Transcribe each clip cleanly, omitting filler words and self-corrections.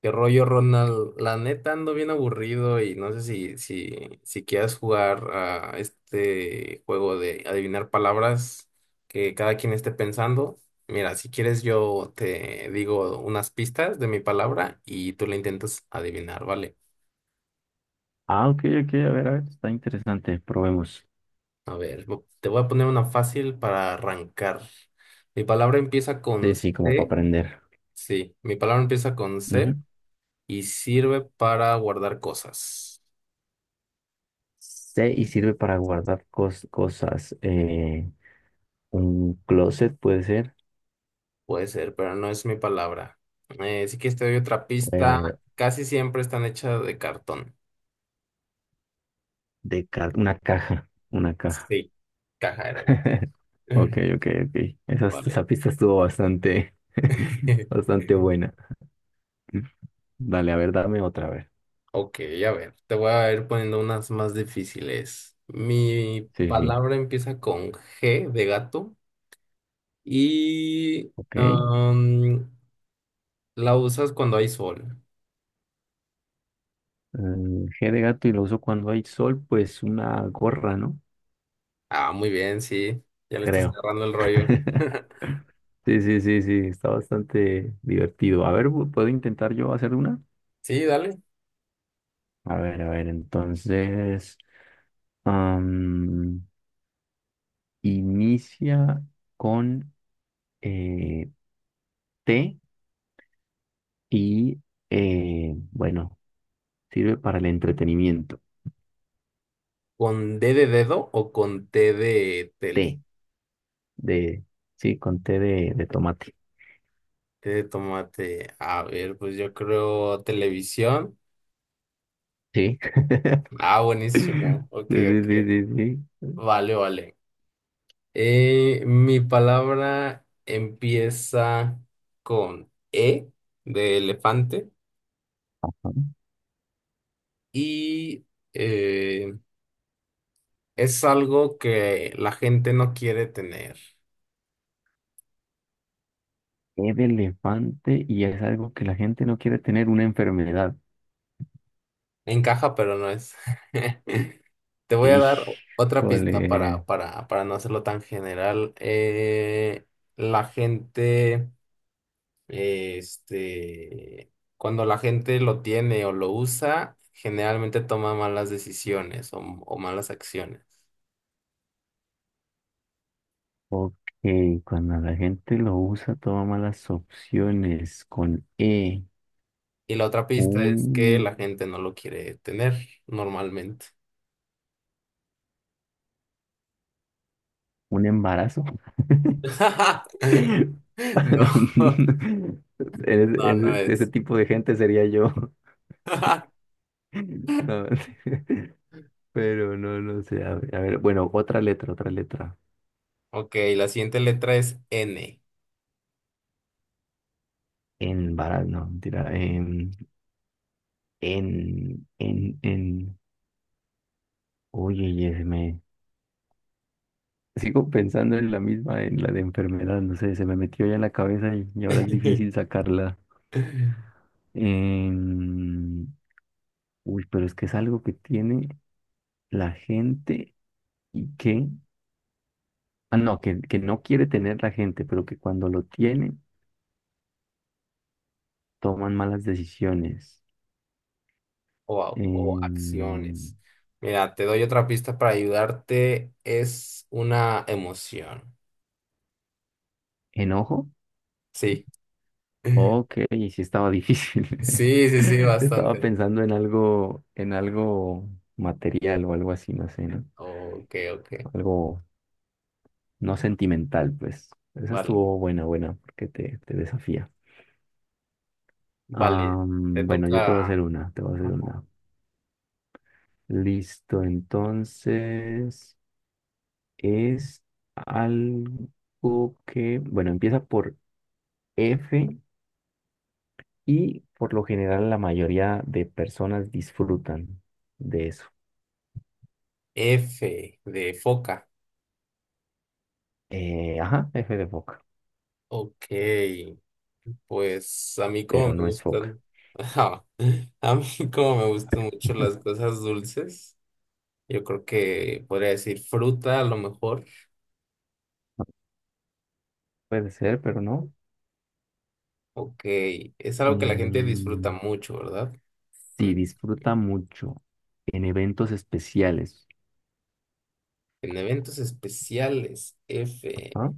¿Qué rollo, Ronald? La neta ando bien aburrido y no sé si quieras jugar a este juego de adivinar palabras que cada quien esté pensando. Mira, si quieres yo te digo unas pistas de mi palabra y tú la intentas adivinar, ¿vale? Ah, ok, ok, a ver, está interesante, probemos. A ver, te voy a poner una fácil para arrancar. Mi palabra empieza Sí, con sí, como para C. aprender. Sí, mi palabra empieza con Ujú. C y sirve para guardar cosas. Sí, y sirve para guardar cosas. Un closet puede ser, Puede ser, pero no es mi palabra. Si quieres te doy otra eh, pista. Casi siempre están hechas de cartón. Una caja, una caja. Sí, caja era. Ok, ok, ok. Esa Vale. pista estuvo bastante, bastante buena. Dale, a ver, dame otra vez. Ok, a ver, te voy a ir poniendo unas más difíciles. Mi Sí, sí, palabra empieza con G de gato y ok. La usas cuando hay sol. Mm, G de gato y lo uso cuando hay sol, pues una gorra, ¿no? Ah, muy bien, sí. Ya le estás Creo. agarrando el rollo. Sí, sí, sí, sí, está bastante divertido. A ver, ¿puedo intentar yo hacer una? Sí, dale. A ver, entonces, am, inicia con eh, T y, bueno, sirve para el entretenimiento. ¿Con D de dedo o con T de tele? T, de, sí, con T de tomate. Qué De tomate. A ver, pues yo creo televisión. Sí. Ah, buenísimo. Ok, Sí, sí, sí, ok. sí, sí. Vale, vale. Mi palabra empieza con E de elefante Ajá. y eh, es algo que la gente no quiere tener. E de elefante y es algo que la gente no quiere tener, una enfermedad. Encaja, pero no es. Te voy a dar otra pista Híjole. para, para no hacerlo tan general. La gente cuando la gente lo tiene o lo usa, generalmente toma malas decisiones o malas acciones. Ok, cuando la gente lo usa, toma malas opciones. Con E, Y la otra pista un, es que la gente no lo quiere tener normalmente. un embarazo. Ese, No, no ese es. tipo de gente sería yo. No, pero no, no sé. A ver, bueno, otra letra, otra letra. Ok, la siguiente letra es N. Embarazo, no, mentira. En. Oye, yes, sigo pensando en la misma, en la de enfermedad, no sé, se me metió ya en la cabeza y ahora es difícil sacarla. Em, Uy, pero es que es algo que tiene la gente y que, ah, no, que no quiere tener la gente, pero que cuando lo tiene, toman malas decisiones. O, o Em, acciones. Mira, te doy otra pista para ayudarte. Es una emoción. ¿Enojo? Sí. Ok, sí estaba difícil. Sí, sí, sí, Estaba bastante. pensando en algo material o algo así, no sé, ¿no? Ok, ok. Algo no sentimental, pues. Esa Vale, estuvo buena, buena, porque te desafía. vale. Te Bueno, yo te voy a toca, ajá, hacer una, te voy a hacer una. Listo, entonces es algo que, bueno, empieza por F y por lo general la mayoría de personas disfrutan de eso. F de foca. Ajá, F de foca, Ok, pues a mí como me pero no es foca. gustan, ajá, a mí como me gustan mucho las cosas dulces, yo creo que podría decir fruta a lo mejor. Puede ser, pero no. Ok, es algo que la gente disfruta Mm, mucho, ¿verdad? sí, Mm. disfruta mucho en eventos especiales. En eventos especiales, F. ¿Ah?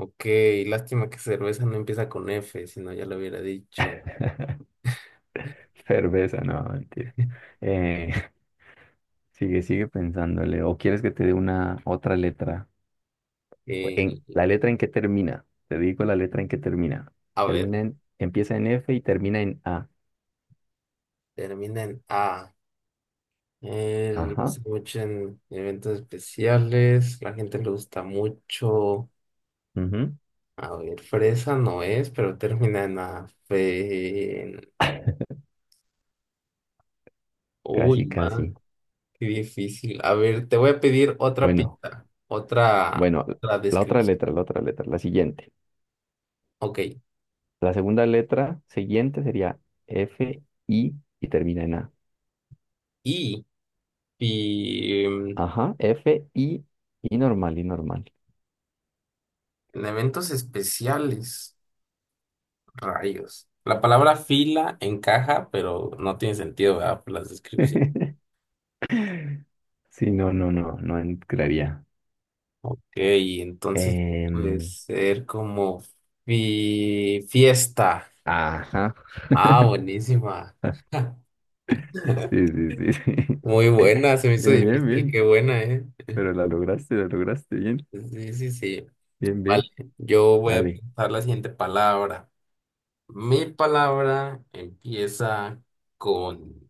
Ok, lástima que cerveza no empieza con F, si no ya lo hubiera dicho. Cerveza, no, mentira. Eh, sigue, sigue pensándole. ¿O quieres que te dé una otra letra? Eh, En, ¿la eh, letra en que termina? Te digo la letra en que termina. a ver, Termina en, empieza en F y termina en A. termina en A. Él lo Ajá, hace mucho en eventos especiales. La gente le gusta mucho. ujú, A ver, fresa no es, pero termina en A. Uy, casi, casi. man, qué difícil. A ver, te voy a pedir otra Bueno, pista, bueno, otra la otra descripción. letra, la otra letra, la siguiente. Ok. La segunda letra siguiente sería F, I y termina en A. Y, y mm, Ajá, F, I y normal, y normal. en eventos especiales, rayos. La palabra fila encaja, pero no tiene sentido, ¿verdad? Por las descripciones. Sí, no, no, no, no entraría. Y entonces puede Em, ser como fiesta. ajá. Ah, buenísima. Sí, sí, sí, sí. Muy buena, se me hizo Bien, bien, difícil, qué bien. buena, ¿eh? Pero la lograste bien. Sí, sí, sí. Bien, Vale, bien. yo voy a Dale. pensar la siguiente palabra. Mi palabra empieza con...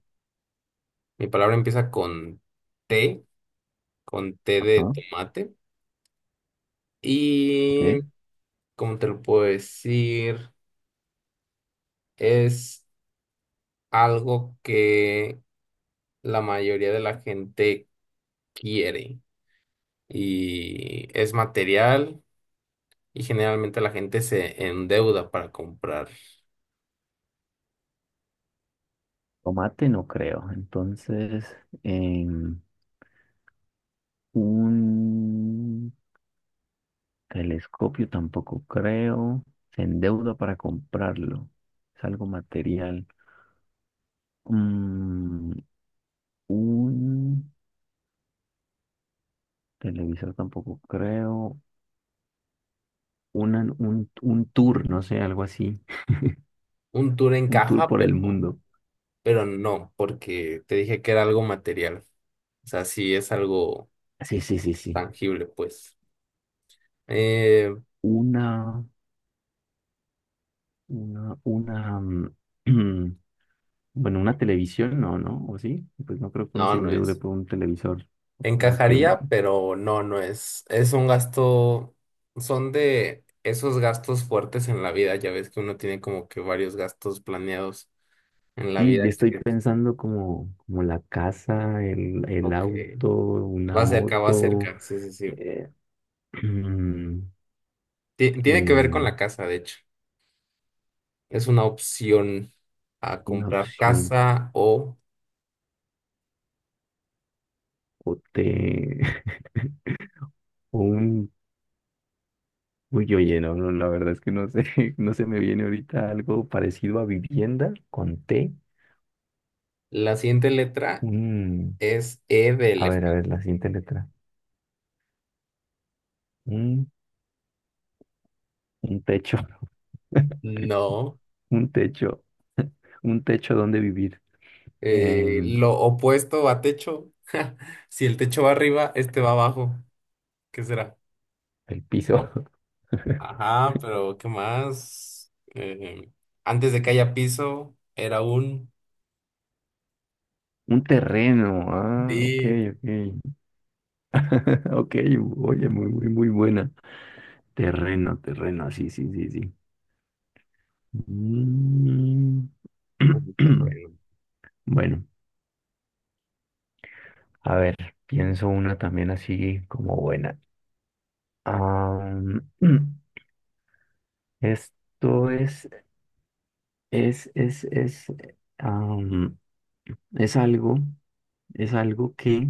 Mi palabra empieza T, con T de Ajá, tomate. Y ok. ¿cómo te lo puedo decir? Es algo que la mayoría de la gente quiere y es material y generalmente la gente se endeuda para comprar Tomate no creo. Entonces, en un telescopio tampoco creo. Se endeuda para comprarlo. Es algo material. Mm, un televisor tampoco creo. Un tour, no sé, algo así, un tour en un tour caja, por el mundo. pero no, porque te dije que era algo material. O sea, sí es algo Sí, sí, sí, sí. tangible, pues. Eh, Una, una, mm, bueno, una televisión, no, ¿no? ¿O sí? Pues no creo que uno no, se no endeude es. por un televisor. Aunque mm, Encajaría, pero no es. Es un gasto, son de esos gastos fuertes en la vida. Ya ves que uno tiene como que varios gastos planeados en la sí, yo vida. estoy pensando como, como la casa, el Ok. auto, una Va cerca, va moto, cerca. Sí, sí, sí. eh, Tiene que ver con el- la casa, de hecho. Es una opción a una comprar opción, casa o o te o un uy, oye, no, no, la verdad es que no sé, no se me viene ahorita algo parecido a vivienda con T. la siguiente letra Un, es E de a ver, la siguiente letra. Un, un techo, No. un techo, un techo donde vivir. Em, Lo opuesto a techo. Si el techo va arriba, este va abajo. ¿Qué será? el piso. Ajá, pero ¿qué más? Antes de que haya piso, era un... Un terreno. Ah, ok, Sí. ok. Ok, oye, muy, muy, muy buena. Terreno, terreno, sí, sí, sí, sí. Mm. Un terreno. Bueno, a ver, pienso una también así como buena. Am, esto es, am, es algo, es algo que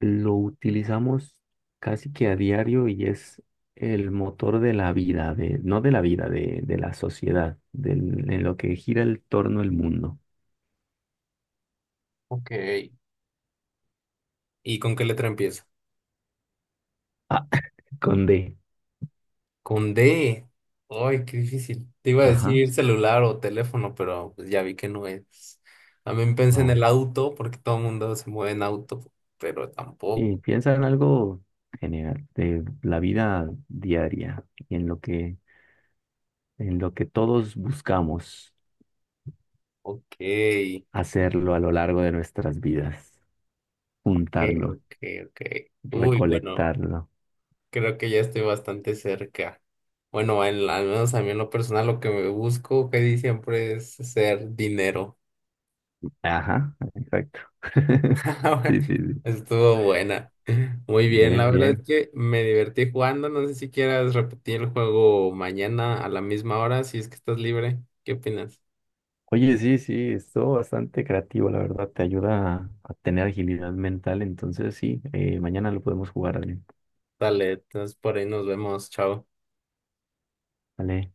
lo utilizamos casi que a diario y es el motor de la vida, de, no de la vida, de la sociedad, del- en lo que gira el torno el mundo. Ok. ¿Y con qué letra empieza? Ah, con D. Con D. Ay, qué difícil. Te iba a Ajá, decir celular o teléfono, pero pues ya vi que no es. También pensé en no. el auto, porque todo el mundo se mueve en auto, pero Y tampoco. piensa en algo general, de la vida diaria y en lo que todos buscamos Ok, hacerlo a lo largo de nuestras vidas, ok, juntarlo, ok, ok. Uy, bueno, recolectarlo. creo que ya estoy bastante cerca. Bueno, en la- al menos a mí en lo personal lo que me busco, que di siempre es ser dinero. Ajá, exacto. Sí, sí, sí. Estuvo buena. Muy bien, Bien, la verdad es bien. que me divertí jugando. No sé si quieras repetir el juego mañana a la misma hora, si es que estás libre. ¿Qué opinas? Oye, sí, sí, estuvo bastante creativo, la verdad. Te ayuda a tener agilidad mental. Entonces, sí, mañana lo podemos jugar, Adrián. Dale, entonces por ahí nos vemos. Chao. Vale.